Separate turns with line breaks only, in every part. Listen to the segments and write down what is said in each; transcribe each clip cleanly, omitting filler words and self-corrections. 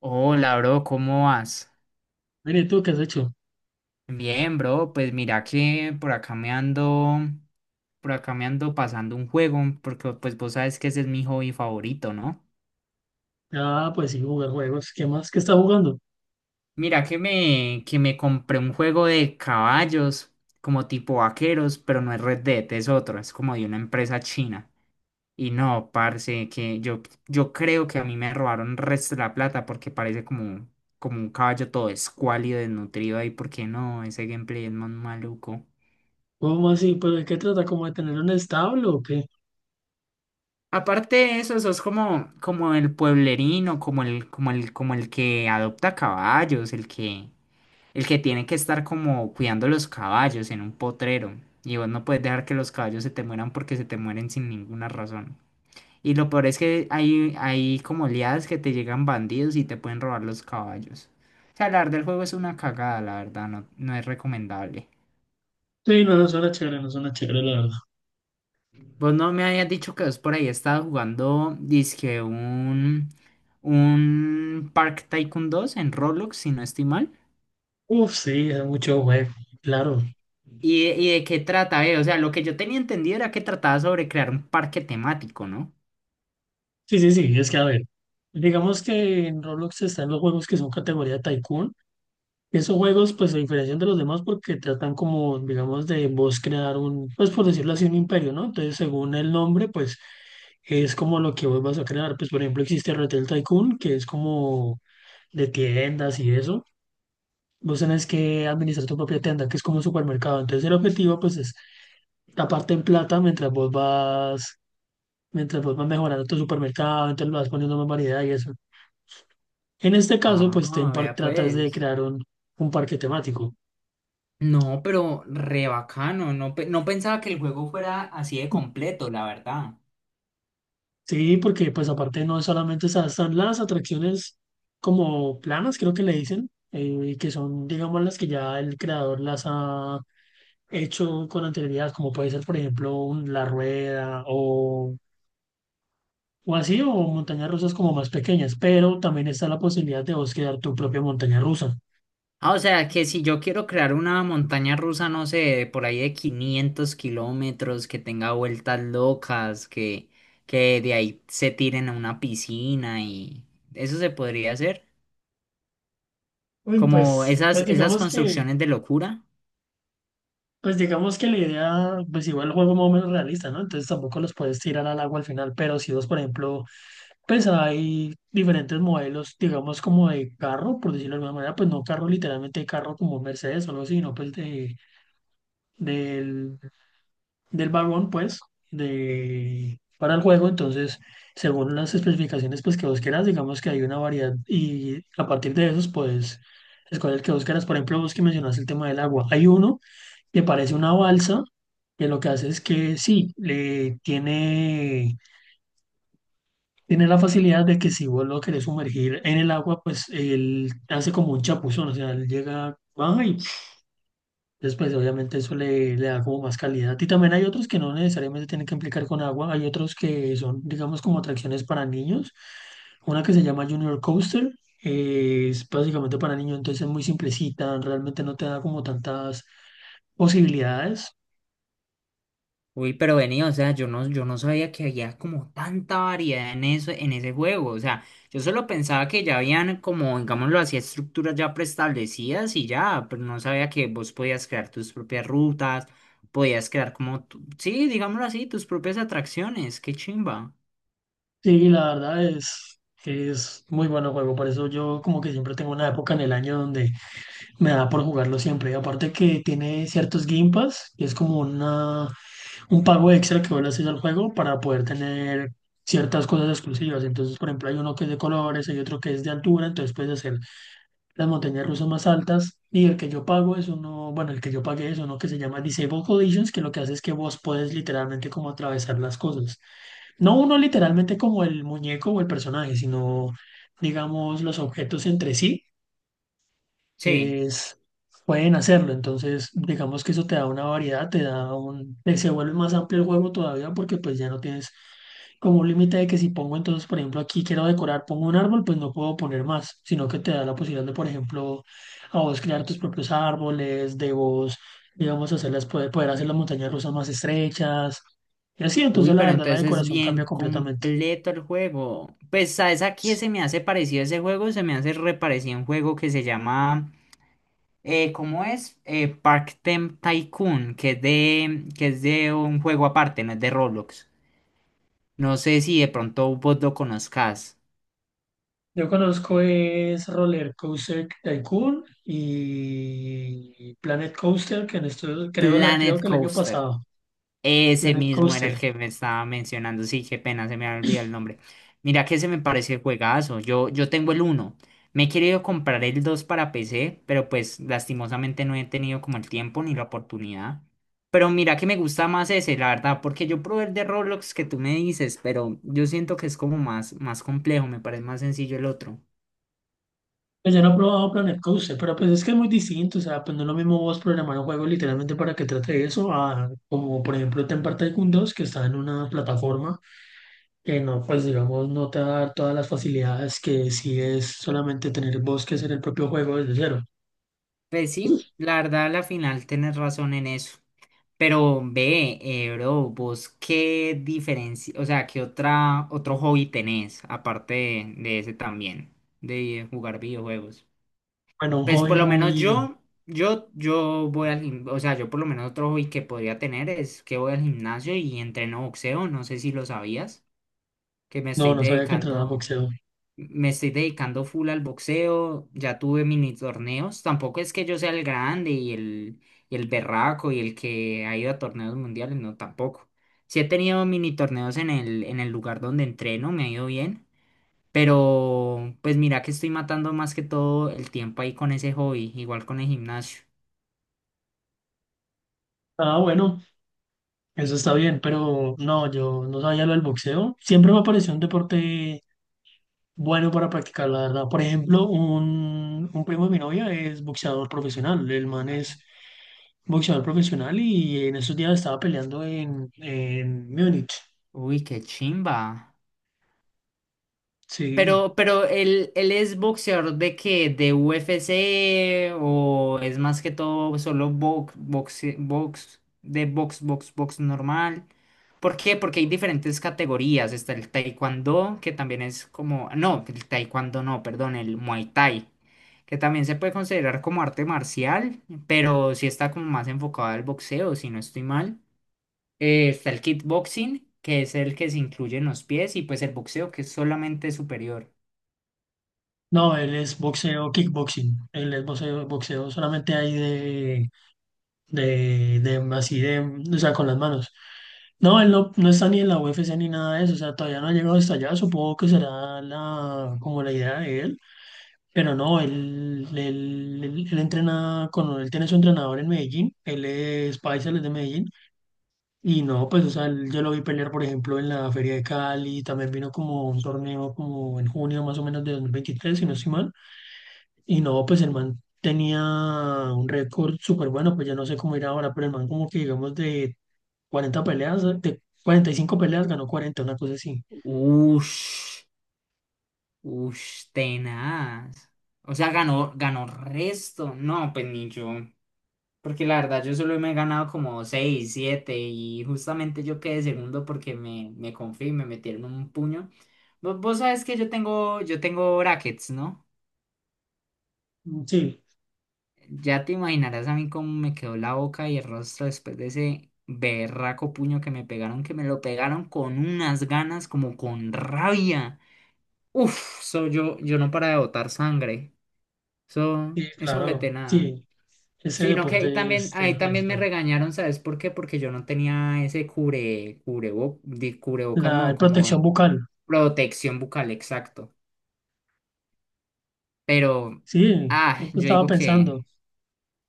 Hola, bro, ¿cómo vas?
Mire, ¿y tú qué has hecho?
Bien, bro, pues mira que por acá me ando, por acá me ando pasando un juego, porque pues vos sabes que ese es mi hobby favorito, ¿no?
Ah, pues sí, jugar juegos. ¿Qué más? ¿Qué está jugando?
Mira que me compré un juego de caballos, como tipo vaqueros, pero no es Red Dead, es otro, es como de una empresa china. Y no, parce, que yo creo que a mí me robaron resto de la plata porque parece como, como un caballo todo escuálido, desnutrido ahí, porque no, ese gameplay es más maluco.
¿Cómo así? ¿Pero de qué trata? ¿Como de tener un establo o qué?
Aparte de eso, sos como, como el pueblerino, como el que adopta caballos, el que tiene que estar como cuidando los caballos en un potrero. Y vos no puedes dejar que los caballos se te mueran porque se te mueren sin ninguna razón. Y lo peor es que hay como liadas que te llegan bandidos y te pueden robar los caballos. O sea, la verdad, el juego es una cagada, la verdad, no, no es recomendable.
Sí, no, no suena chévere, no suena chévere, la verdad.
Vos no me habías dicho que vos por ahí estabas jugando, dizque un Park Tycoon dos en Roblox, si no estoy mal.
Uf, sí, es mucho juego, claro.
¿Y, de qué trata, eh? O sea, lo que yo tenía entendido era que trataba sobre crear un parque temático, ¿no?
Sí, sí, sí, es que a ver, digamos que en Roblox están los juegos que son categoría Tycoon. Esos juegos, pues, se diferencian de los demás porque tratan como, digamos, de vos crear un, pues, por decirlo así, un imperio, ¿no? Entonces, según el nombre, pues, es como lo que vos vas a crear. Pues, por ejemplo, existe Retail Tycoon, que es como de tiendas y eso, vos tenés que administrar tu propia tienda, que es como un supermercado. Entonces el objetivo pues es taparte en plata mientras vos vas mejorando tu supermercado, entonces lo vas poniendo más variedad y eso. En este caso, pues Theme
Ah,
Park
vea
tratas de
pues.
crear un parque temático.
No, pero re bacano. No, no pensaba que el juego fuera así de completo, la verdad.
Sí, porque pues aparte no solamente o están las atracciones como planas, creo que le dicen, que son digamos las que ya el creador las ha hecho con anterioridad, como puede ser por ejemplo la rueda o así, o montañas rusas como más pequeñas, pero también está la posibilidad de vos crear tu propia montaña rusa.
Ah, o sea, que si yo quiero crear una montaña rusa, no sé, por ahí de 500 kilómetros, que tenga vueltas locas, que de ahí se tiren a una piscina y eso se podría hacer.
Uy,
Como esas, esas construcciones de locura.
pues digamos que la idea, pues igual el juego más o menos realista, ¿no? Entonces tampoco los puedes tirar al agua al final, pero si vos, por ejemplo, pues hay diferentes modelos, digamos como de carro, por decirlo de alguna manera, pues no carro literalmente carro como Mercedes o algo así, sino pues de, del del vagón, pues, de, para el juego. Entonces, según las especificaciones, pues, que vos quieras, digamos que hay una variedad y a partir de esos, pues, escoger el que vos quieras. Por ejemplo, vos que mencionaste el tema del agua. Hay uno que parece una balsa, que lo que hace es que sí, tiene la facilidad de que si vos lo querés sumergir en el agua, pues, él hace como un chapuzón, o sea, él llega, baja y después, obviamente, eso le da como más calidad. Y también hay otros que no necesariamente tienen que implicar con agua. Hay otros que son, digamos, como atracciones para niños. Una que se llama Junior Coaster. Eh, es básicamente para niños, entonces es muy simplecita. Realmente no te da como tantas posibilidades.
Uy, pero venía, o sea, yo no sabía que había como tanta variedad en eso, en ese juego. O sea, yo solo pensaba que ya habían como, digámoslo así, estructuras ya preestablecidas y ya, pero no sabía que vos podías crear tus propias rutas, podías crear como, sí, digámoslo así, tus propias atracciones. Qué chimba.
Sí, la verdad es muy bueno juego. Por eso yo como que siempre tengo una época en el año donde me da por jugarlo siempre. Y aparte que tiene ciertos Game Pass, que es como un pago extra que vos le haces al juego para poder tener ciertas cosas exclusivas. Entonces, por ejemplo, hay uno que es de colores, hay otro que es de altura, entonces puedes hacer las montañas rusas más altas. Y el que yo pago es uno, bueno, el que yo pagué es uno que se llama Disable Collisions, que lo que hace es que vos puedes literalmente como atravesar las cosas. No uno literalmente como el muñeco o el personaje, sino digamos los objetos entre sí
Sí.
es, pueden hacerlo. Entonces, digamos que eso te da una variedad, te da se vuelve más amplio el juego todavía porque pues ya no tienes como un límite de que si pongo entonces, por ejemplo, aquí quiero decorar, pongo un árbol, pues no puedo poner más, sino que te da la posibilidad de, por ejemplo, a vos crear tus propios árboles, de vos, digamos, hacerlas, poder hacer las montañas rusas más estrechas. Y así, entonces
Uy,
la
pero
verdad la
entonces es
decoración cambia
bien
completamente.
completo el juego. Pues, ¿sabes a qué se me hace parecido ese juego? Se me hace reparecido un juego que se llama. ¿Cómo es? Park Tem Tycoon, que es de un juego aparte, no es de Roblox. No sé si de pronto vos lo conozcas.
Yo conozco es Roller Coaster Tycoon y Planet Coaster, que en esto creo
Planet
que el año
Coaster.
pasado,
Ese
Planet
mismo era el
Coaster.
que me estaba mencionando. Sí, qué pena, se me había olvidado el nombre. Mira que se me parece juegazo. Yo tengo el uno. Me he querido comprar el 2 para PC, pero pues lastimosamente no he tenido como el tiempo ni la oportunidad. Pero mira que me gusta más ese, la verdad, porque yo probé el de Roblox que tú me dices, pero yo siento que es como más, más complejo, me parece más sencillo el otro.
Pues yo no he probado Planet Coaster, pero pues es que es muy distinto, o sea, pues no es lo mismo vos programar un juego literalmente para que trate de eso, a, como por ejemplo Temper Tycoon 2 que está en una plataforma que no, pues digamos, no te va a dar todas las facilidades que si es solamente tener vos que hacer el propio juego desde cero.
Pues sí, la verdad, a la final tienes razón en eso. Pero ve, bro, vos qué diferencia, o sea, qué otra, otro hobby tenés, aparte de ese también, de jugar videojuegos.
Bueno, un
Pues
hobby
por lo menos
muy...
yo voy al gimnasio, o sea, yo por lo menos otro hobby que podría tener es que voy al gimnasio y entreno boxeo, no sé si lo sabías, que
No, no sabía que entrenaba boxeo.
me estoy dedicando full al boxeo, ya tuve mini torneos, tampoco es que yo sea el grande y el berraco y el que ha ido a torneos mundiales, no, tampoco. Sí he tenido mini torneos en el lugar donde entreno, me ha ido bien, pero pues mira que estoy matando más que todo el tiempo ahí con ese hobby, igual con el gimnasio.
Ah, bueno. Eso está bien, pero no, yo no sabía lo del boxeo. Siempre me pareció un deporte bueno para practicar, la verdad. Por ejemplo, un primo de mi novia es boxeador profesional. El man es boxeador profesional y en esos días estaba peleando en Múnich.
Uy, qué chimba.
Sí.
Pero él es boxeador de qué, de UFC o es más que todo solo box, box, box, de box, box, box normal. ¿Por qué? Porque hay diferentes categorías. Está el taekwondo, que también es como, no, el taekwondo no, perdón, el muay thai, que también se puede considerar como arte marcial, pero sí está como más enfocado al boxeo, si no estoy mal. Está el kickboxing, que es el que se incluye en los pies, y pues el boxeo, que es solamente superior.
No, él es boxeo, kickboxing. Él es boxeo, boxeo solamente ahí así de, o sea, con las manos. No, él no, no está ni en la UFC ni nada de eso, o sea, todavía no ha llegado hasta allá, supongo que será la, como la idea de él, pero no, él entrena con, él tiene su entrenador en Medellín, él es paisa, él es de Medellín, y no, pues, o sea, él- yo lo vi pelear, por ejemplo, en la Feria de Cali, también vino como un torneo como en junio más o menos de 2023 si no estoy mal, y no, pues el man tenía un récord súper bueno, pues ya no sé cómo irá ahora, pero el man como que digamos de 40 peleas, de 45 peleas ganó 40 una cosa así.
Ush, ush, tenaz. O sea, ganó, ganó resto. No, pues ni yo. Porque la verdad, yo solo me he ganado como 6 7 y justamente yo quedé segundo porque me confié y me metieron un puño. Vos, vos sabes que yo tengo brackets, ¿no?
Mm, sí,
Ya te imaginarás a mí cómo me quedó la boca y el rostro después de ese berraco puño que me pegaron, que me lo pegaron con unas ganas, como con rabia. Uf, so yo no para de botar sangre. Eso,
sí,
eso
claro,
vete nada.
sí, ese
Sino que
deporte es.
ahí también
es-
me
es-
regañaron, ¿sabes por qué? Porque yo no tenía ese cubrebocas,
la
no, como
protección bucal,
protección bucal, exacto. Pero,
sí,
ah,
eso
yo
estaba
digo
pensando.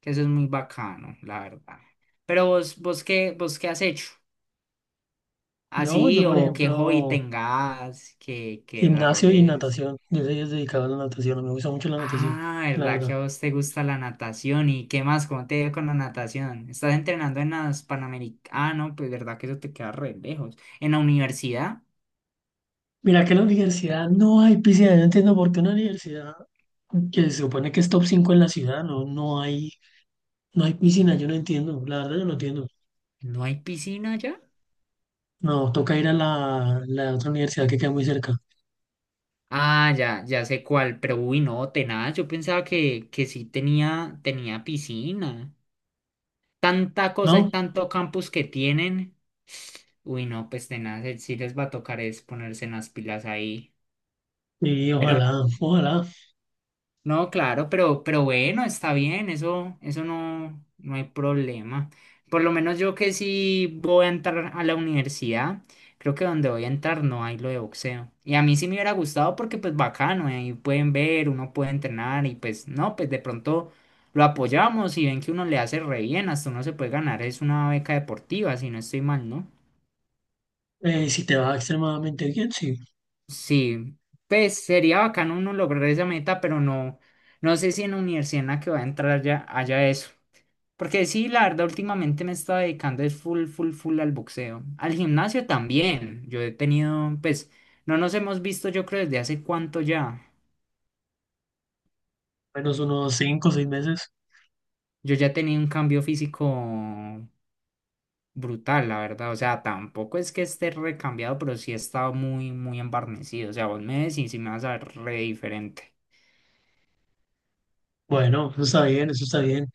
que eso es muy bacano, la verdad. Pero vos, vos qué, ¿vos qué has hecho?
Yo,
Así,
por
o qué hobby
ejemplo,
tengas, que
gimnasio y
desarrolles.
natación, yo soy dedicado a la natación, me gusta mucho la natación,
Ah,
la
¿verdad que
verdad.
a vos te gusta la natación? ¿Y qué más? ¿Cómo te ha ido con la natación? ¿Estás entrenando en las Panamericanas? Ah, no, pues verdad que eso te queda re lejos. ¿En la universidad?
Mira que en la universidad no hay piscina, yo no entiendo por qué una universidad que se supone que es top 5 en la ciudad, no, no hay piscina, yo no entiendo, la verdad yo no entiendo.
¿No hay piscina ya?
Nos toca ir a la otra universidad que queda muy cerca,
Ah, ya, ya sé cuál, pero uy, no, tenaz, yo pensaba que sí tenía, tenía piscina. Tanta cosa y
¿no?
tanto campus que tienen. Uy, no, pues tenaz, sí les va a tocar es ponerse en las pilas ahí.
Y
Pero
ojalá, ojalá,
no, claro, pero bueno, está bien, eso no, no hay problema. Por lo menos yo que sí voy a entrar a la universidad, creo que donde voy a entrar no hay lo de boxeo. Y a mí sí me hubiera gustado porque pues bacano, ahí pueden ver, uno puede entrenar y pues no, pues de pronto lo apoyamos y ven que uno le hace re bien, hasta uno se puede ganar, es una beca deportiva, si no estoy mal, ¿no?
si te va extremadamente bien, sí,
Sí, pues sería bacano uno lograr esa meta, pero no, no sé si en la universidad en la que va a entrar ya haya eso. Porque sí, la verdad, últimamente me estaba dedicando es full, full, full al boxeo. Al gimnasio también. Yo he tenido, pues, no nos hemos visto yo creo desde hace cuánto ya.
menos unos 5 o 6 meses.
Yo ya he tenido un cambio físico brutal, la verdad. O sea, tampoco es que esté recambiado, pero sí he estado muy, muy embarnecido. O sea, vos me decís y me vas a ver re diferente.
Bueno, eso está bien, eso está bien.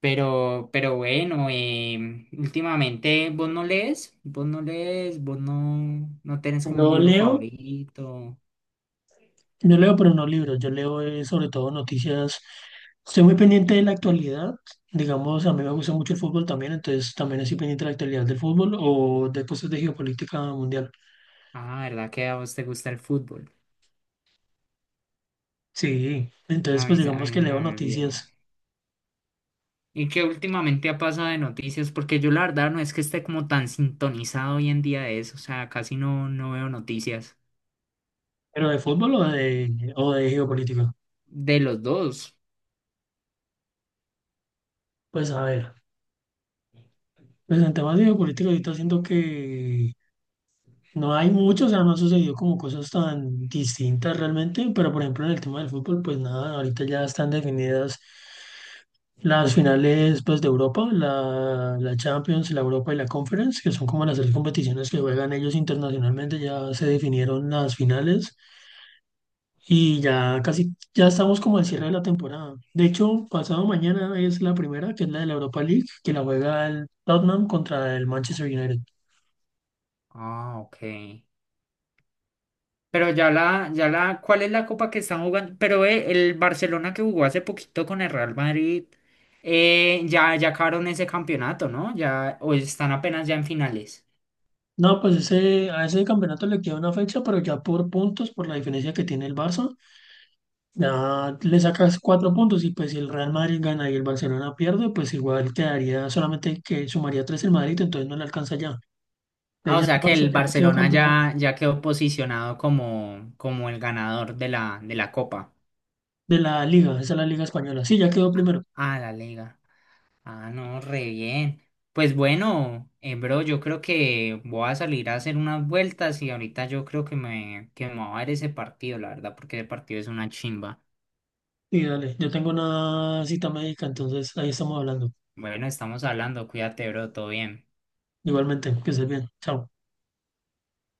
Pero bueno, em, últimamente vos no lees, vos no, no tenés como
No
un libro
leo,
favorito.
no leo, pero no libros. Yo leo sobre todo noticias. Estoy muy pendiente de la actualidad. Digamos, a mí me gusta mucho el fútbol también, entonces también estoy pendiente de la actualidad del fútbol o de cosas de geopolítica mundial.
Ah, ¿verdad que a vos te gusta el fútbol?
Sí,
A
entonces pues
mí, a
digamos
mí se
que leo
me olvidó.
noticias,
¿Y qué últimamente ha pasado de noticias? Porque yo la verdad no es que esté como tan sintonizado hoy en día de eso, o sea, casi no, no veo noticias
pero de fútbol o de geopolítica.
de los dos.
Pues a ver, pues en temas de geopolítica ahorita siento que no hay mucho, o sea, no ha sucedido como cosas tan distintas realmente, pero por ejemplo en el tema del fútbol, pues nada, ahorita ya están definidas las finales pues de Europa, la, la Champions, la Europa y la Conference, que son como las tres competiciones que juegan ellos internacionalmente, ya se definieron las finales. Y ya casi, ya estamos como al cierre de la temporada. De hecho, pasado mañana es la primera, que es la de la Europa League, que la juega el Tottenham contra el Manchester United.
Ah, ok. Pero ya la, ¿cuál es la copa que están jugando? Pero el Barcelona que jugó hace poquito con el Real Madrid, ya acabaron ese campeonato, ¿no? Ya, o están apenas ya en finales.
No, pues ese, a ese campeonato le queda una fecha, pero ya por puntos, por la diferencia que tiene el Barça, ya le sacas 4 puntos y pues si el Real Madrid gana y el Barcelona pierde, pues igual quedaría solamente que sumaría tres el Madrid, entonces no le alcanza ya.
Ah,
Entonces
o
ya
sea
el
que
Barça
el
ya quedó
Barcelona
campeón
ya quedó posicionado como, como el ganador de la Copa.
de la Liga, esa es la Liga Española. Sí, ya quedó primero.
Ah, la Liga. Ah, no, re bien. Pues bueno, bro, yo creo que voy a salir a hacer unas vueltas y ahorita yo creo que me va a ver ese partido, la verdad, porque ese partido es una chimba.
Sí, dale. Yo tengo una cita médica, entonces ahí estamos hablando.
Bueno, estamos hablando, cuídate, bro, todo bien.
Igualmente, que estés bien. Chao.